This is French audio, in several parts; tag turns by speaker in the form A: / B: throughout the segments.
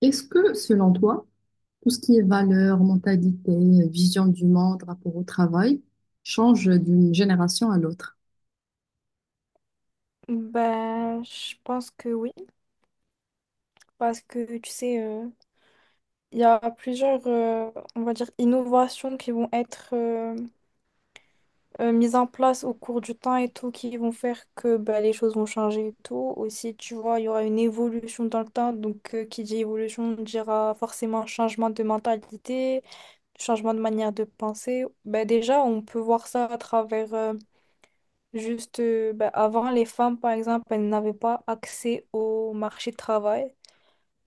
A: Est-ce que, selon toi, tout ce qui est valeur, mentalité, vision du monde, rapport au travail, change d'une génération à l'autre?
B: Ben, je pense que oui, parce que tu sais, il y a plusieurs, on va dire, innovations qui vont être mises en place au cours du temps et tout, qui vont faire que ben, les choses vont changer et tout. Aussi, tu vois, il y aura une évolution dans le temps, donc qui dit évolution dira forcément changement de mentalité, changement de manière de penser. Ben, déjà, on peut voir ça à travers, ben, avant, les femmes, par exemple, elles n'avaient pas accès au marché du travail.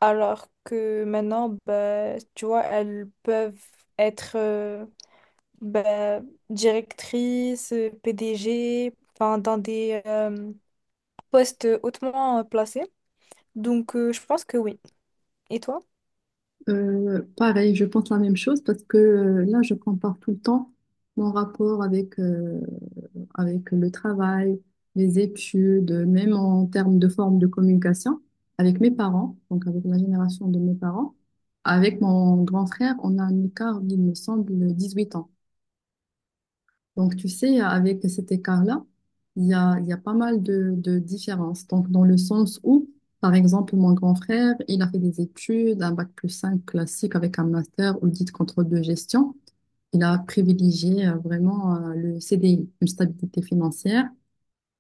B: Alors que maintenant, bah, tu vois, elles peuvent être bah, directrices, PDG, enfin, dans des postes hautement placés. Donc, je pense que oui. Et toi?
A: Pareil, je pense la même chose parce que là, je compare tout le temps mon rapport avec, avec le travail, les études, même en termes de forme de communication, avec mes parents, donc avec la génération de mes parents. Avec mon grand frère, on a un écart, il me semble, 18 ans. Donc, tu sais, avec cet écart-là, il y a pas mal de différences. Donc, dans le sens où, par exemple, mon grand frère, il a fait des études, un bac+5 classique avec un master audit contrôle de gestion. Il a privilégié vraiment le CDI, une stabilité financière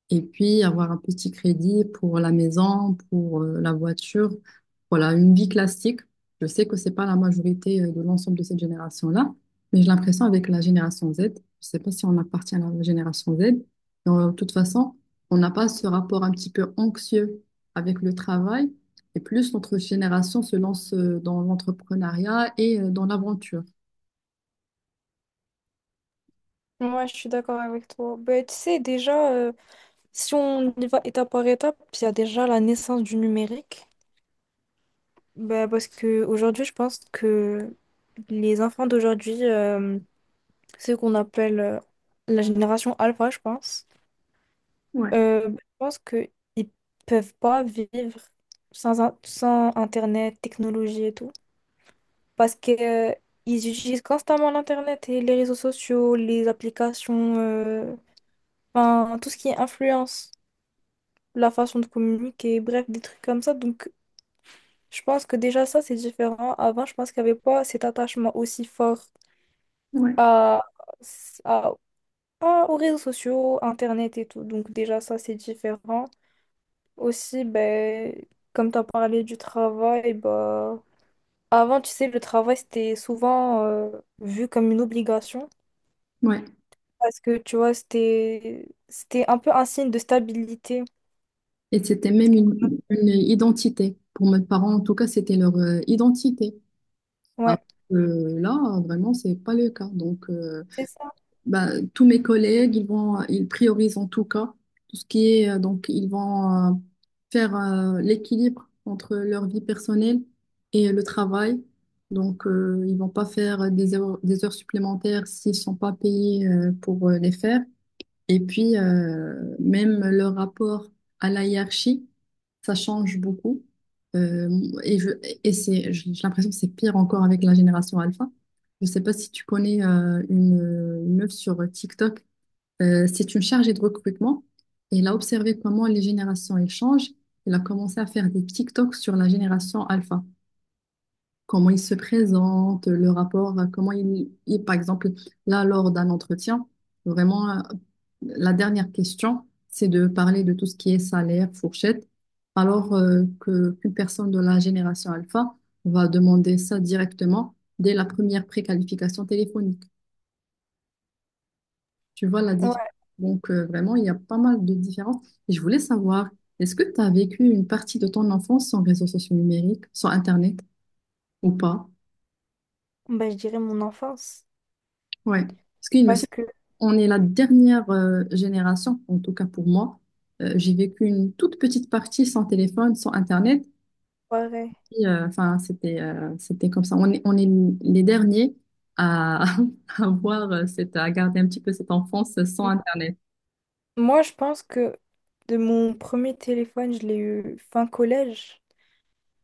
A: et puis avoir un petit crédit pour la maison, pour la voiture. Voilà, une vie classique. Je sais que c'est pas la majorité de l'ensemble de cette génération-là, mais j'ai l'impression avec la génération Z, je sais pas si on appartient à la génération Z, mais de toute façon, on n'a pas ce rapport un petit peu anxieux avec le travail, et plus notre génération se lance dans l'entrepreneuriat et dans l'aventure.
B: Moi, je suis d'accord avec toi. Ben, tu sais, déjà, si on y va étape par étape, il y a déjà la naissance du numérique. Ben, parce que aujourd'hui, je pense que les enfants d'aujourd'hui, ceux qu'on appelle la génération alpha, je pense, je pense qu'ils peuvent pas vivre sans Internet, technologie et tout. Parce que, ils utilisent constamment l'Internet et les réseaux sociaux, les applications, enfin, tout ce qui est influence. La façon de communiquer, bref, des trucs comme ça. Donc, je pense que déjà ça, c'est différent. Avant, je pense qu'il n'y avait pas cet attachement aussi fort
A: Ouais.
B: à, à- aux réseaux sociaux, Internet et tout. Donc, déjà ça, c'est différent. Aussi, ben, comme tu as parlé du travail, ben, avant, tu sais, le travail, c'était souvent vu comme une obligation.
A: Ouais,
B: Parce que, tu vois, c'était un peu un signe de stabilité.
A: et c'était même une identité. Pour mes parents, en tout cas, c'était leur identité. Alors
B: Ouais,
A: que là, vraiment, c'est pas le cas. Donc,
B: c'est ça.
A: ben, tous mes collègues, ils priorisent en tout cas tout ce qui est, donc, ils vont faire l'équilibre entre leur vie personnelle et le travail. Donc, ils vont pas faire des heures supplémentaires s'ils sont pas payés pour les faire. Et puis, même le rapport à la hiérarchie, ça change beaucoup. Euh, et je, et c'est, j'ai l'impression que c'est pire encore avec la génération alpha. Je ne sais pas si tu connais une meuf sur TikTok. C'est une chargée de recrutement. Et elle a observé comment les générations elles changent. Elle a commencé à faire des TikToks sur la génération alpha comment ils se présentent, le rapport, comment par exemple, là, lors d'un entretien, vraiment, la dernière question, c'est de parler de tout ce qui est salaire, fourchette, alors que qu'une personne de la génération alpha va demander ça directement dès la première préqualification téléphonique. Tu vois la différence.
B: Ouais.
A: Donc, vraiment, il y a pas mal de différences. Et je voulais savoir, est-ce que tu as vécu une partie de ton enfance sans réseaux sociaux numériques, sans Internet ou pas?
B: Ben, je dirais mon enfance.
A: Ouais. Parce qu'il me semble.
B: Parce que,
A: On est la dernière génération, en tout cas pour moi. J'ai vécu une toute petite partie sans téléphone, sans Internet.
B: pareil.
A: Et, enfin, c'était comme ça. On est les derniers à, à avoir cette, à garder un petit peu cette enfance sans Internet.
B: Moi, je pense que de mon premier téléphone, je l'ai eu fin collège.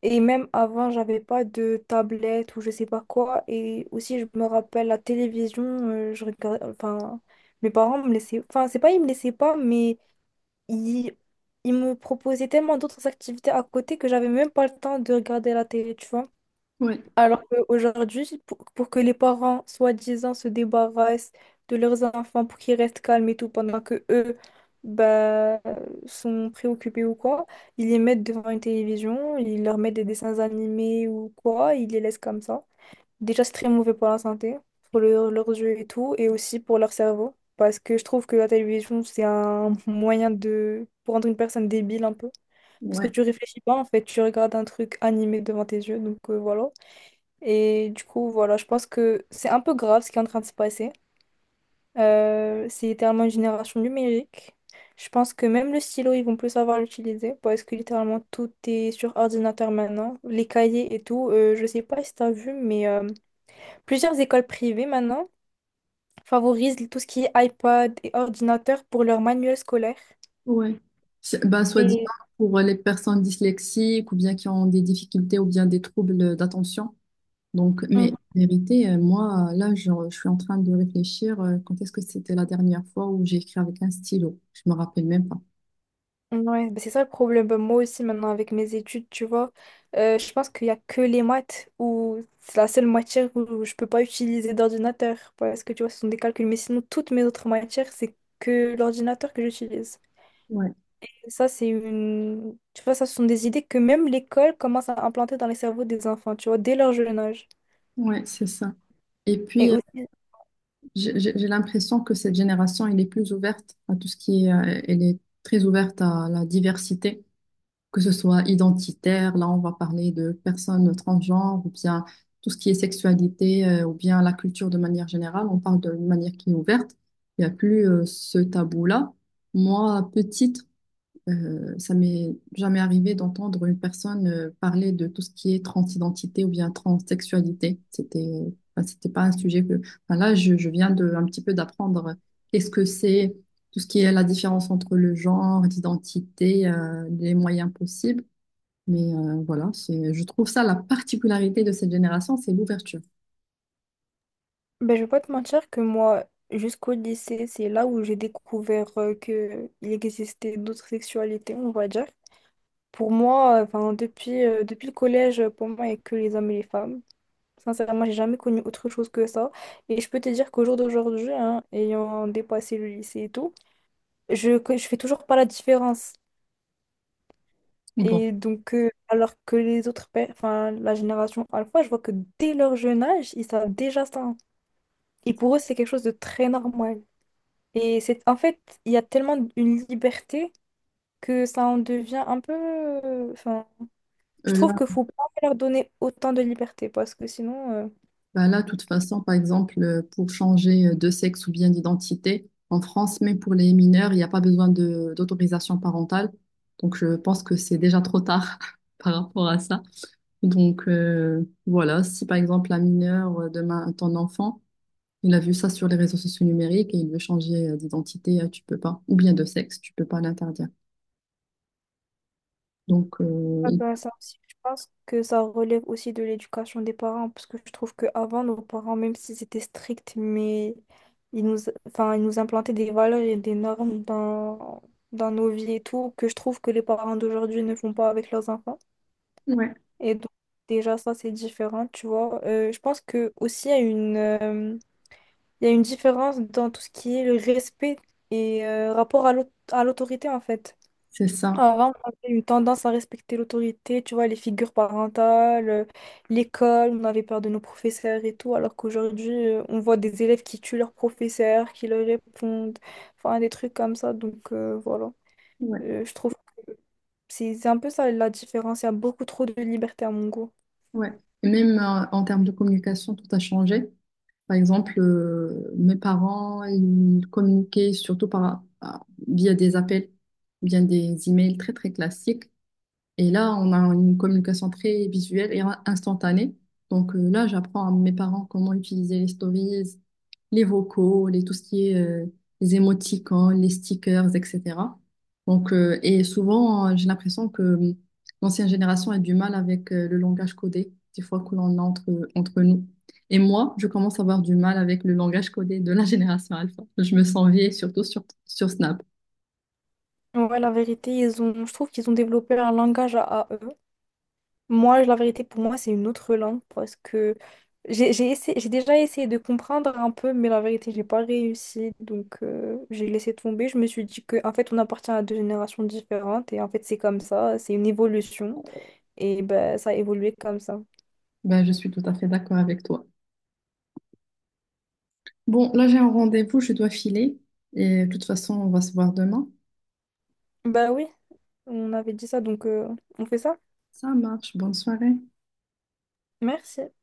B: Et même avant, j'avais pas de tablette ou je sais pas quoi. Et aussi, je me rappelle la télévision, je regardais, enfin, mes parents me laissaient, enfin, c'est pas ils me laissaient pas, mais ils, ils me proposaient tellement d'autres activités à côté que j'avais même pas le temps de regarder la télé, tu vois.
A: Ouais.
B: Alors qu'aujourd'hui, pour que les parents, soi-disant, se débarrassent de leurs enfants pour qu'ils restent calmes et tout, pendant que eux bah, sont préoccupés ou quoi, ils les mettent devant une télévision, ils leur mettent des dessins animés ou quoi, ils les laissent comme ça. Déjà, c'est très mauvais pour la santé, pour leurs yeux et tout, et aussi pour leur cerveau. Parce que je trouve que la télévision, c'est un moyen de... pour rendre une personne débile un peu. Parce que
A: Ouais.
B: tu réfléchis pas, en fait, tu regardes un truc animé devant tes yeux, donc voilà. Et du coup, voilà, je pense que c'est un peu grave ce qui est en train de se passer. C'est littéralement une génération numérique. Je pense que même le stylo, ils vont plus savoir l'utiliser parce que littéralement tout est sur ordinateur maintenant. Les cahiers et tout, je sais pas si t'as vu, mais plusieurs écoles privées maintenant favorisent tout ce qui est iPad et ordinateur pour leurs manuels scolaires.
A: Ouais. C'est- Ben, soit disant
B: Et...
A: pour les personnes dyslexiques ou bien qui ont des difficultés ou bien des troubles d'attention. Donc, mais en vérité, moi, là, je suis en train de réfléchir quand est-ce que c'était la dernière fois où j'ai écrit avec un stylo. Je me rappelle même pas.
B: Ouais, bah c'est ça le problème. Bah, moi aussi, maintenant, avec mes études, tu vois, je pense qu'il n'y a que les maths où c'est la seule matière où je peux pas utiliser d'ordinateur parce que, tu vois, ce sont des calculs. Mais sinon, toutes mes autres matières, c'est que l'ordinateur que j'utilise.
A: Ouais,
B: Et ça, c'est une... Tu vois, ça, ce sont des idées que même l'école commence à implanter dans les cerveaux des enfants, tu vois, dès leur jeune âge.
A: ouais, c'est ça. Et
B: Et
A: puis,
B: aussi,
A: j'ai l'impression que cette génération, elle est plus ouverte à tout ce qui est, elle est très ouverte à la diversité, que ce soit identitaire, là, on va parler de personnes transgenres, ou bien tout ce qui est sexualité, ou bien la culture de manière générale, on parle de manière qui est ouverte. Il n'y a plus ce tabou-là. Moi, petite, ça m'est jamais arrivé d'entendre une personne parler de tout ce qui est transidentité ou bien transsexualité. C'était, enfin, c'était pas un sujet que. Enfin, là, je viens de un petit peu d'apprendre qu'est-ce que c'est, tout ce qui est la différence entre le genre, l'identité, les moyens possibles. Mais voilà, c'est, je trouve ça la particularité de cette génération, c'est l'ouverture.
B: ben, je vais pas te mentir que moi, jusqu'au lycée, c'est là où j'ai découvert que il existait d'autres sexualités, on va dire. Pour moi, enfin, depuis, depuis le collège, pour moi, il n'y a que les hommes et les femmes. Sincèrement, j'ai jamais connu autre chose que ça. Et je peux te dire qu'au jour d'aujourd'hui, hein, ayant dépassé le lycée et tout, je fais toujours pas la différence.
A: Bon,
B: Et donc, alors que les autres, enfin, la génération alpha, je vois que dès leur jeune âge, ils savent déjà ça. Et pour eux, c'est quelque chose de très normal. Et c'est, en fait, il y a tellement une liberté que ça en devient un peu, enfin, je
A: euh,
B: trouve que faut pas leur donner autant de liberté parce que sinon,
A: Bah là, de toute façon, par exemple, pour changer de sexe ou bien d'identité en France, même pour les mineurs, il n'y a pas besoin de d'autorisation parentale. Donc, je pense que c'est déjà trop tard par rapport à ça. Donc, voilà, si par exemple un mineur, demain, ton enfant, il a vu ça sur les réseaux sociaux numériques et il veut changer d'identité, tu peux pas, ou bien de sexe, tu peux pas l'interdire. Donc, euh,
B: ah
A: il-
B: bah, ça aussi, je pense que ça relève aussi de l'éducation des parents parce que je trouve qu'avant, nos parents, même s'ils étaient stricts, mais ils nous, enfin, ils nous implantaient des valeurs et des normes dans nos vies et tout, que je trouve que les parents d'aujourd'hui ne font pas avec leurs enfants.
A: Ouais,
B: Et donc, déjà, ça, c'est différent, tu vois. Je pense que aussi, il y a une différence dans tout ce qui est le respect et rapport à à l'autorité, en fait.
A: c'est ça.
B: Avant, on avait eu tendance à respecter l'autorité, tu vois, les figures parentales, l'école, on avait peur de nos professeurs et tout, alors qu'aujourd'hui, on voit des élèves qui tuent leurs professeurs, qui leur répondent, enfin, des trucs comme ça. Donc, voilà.
A: Ouais,
B: Je trouve que c'est un peu ça la différence. Il y a beaucoup trop de liberté à mon goût.
A: ouais. Et même en termes de communication, tout a changé. Par exemple, mes parents, ils communiquaient surtout via des appels, via des emails très très classiques. Et là, on a une communication très visuelle et instantanée. Donc là, j'apprends à mes parents comment utiliser les stories, les vocaux, les, tout ce qui est les émoticônes, les stickers, etc. Donc, et souvent, j'ai l'impression que l'ancienne génération a du mal avec le langage codé, des fois que l'on a entre, entre nous. Et moi, je commence à avoir du mal avec le langage codé de la génération alpha. Je me sens vieille, surtout sur Snap.
B: Ouais, la vérité, ils ont, je trouve qu'ils ont développé un langage à eux. Moi, la vérité, pour moi, c'est une autre langue parce que j'ai déjà essayé de comprendre un peu, mais la vérité, j'ai pas réussi. Donc, j'ai laissé tomber. Je me suis dit que, en fait, on appartient à deux générations différentes et en fait, c'est comme ça, c'est une évolution et ben, ça a évolué comme ça.
A: Ben, je suis tout à fait d'accord avec toi. Bon, là j'ai un rendez-vous, je dois filer. Et de toute façon, on va se voir demain.
B: Bah oui, on avait dit ça, donc on fait ça.
A: Ça marche, bonne soirée.
B: Merci.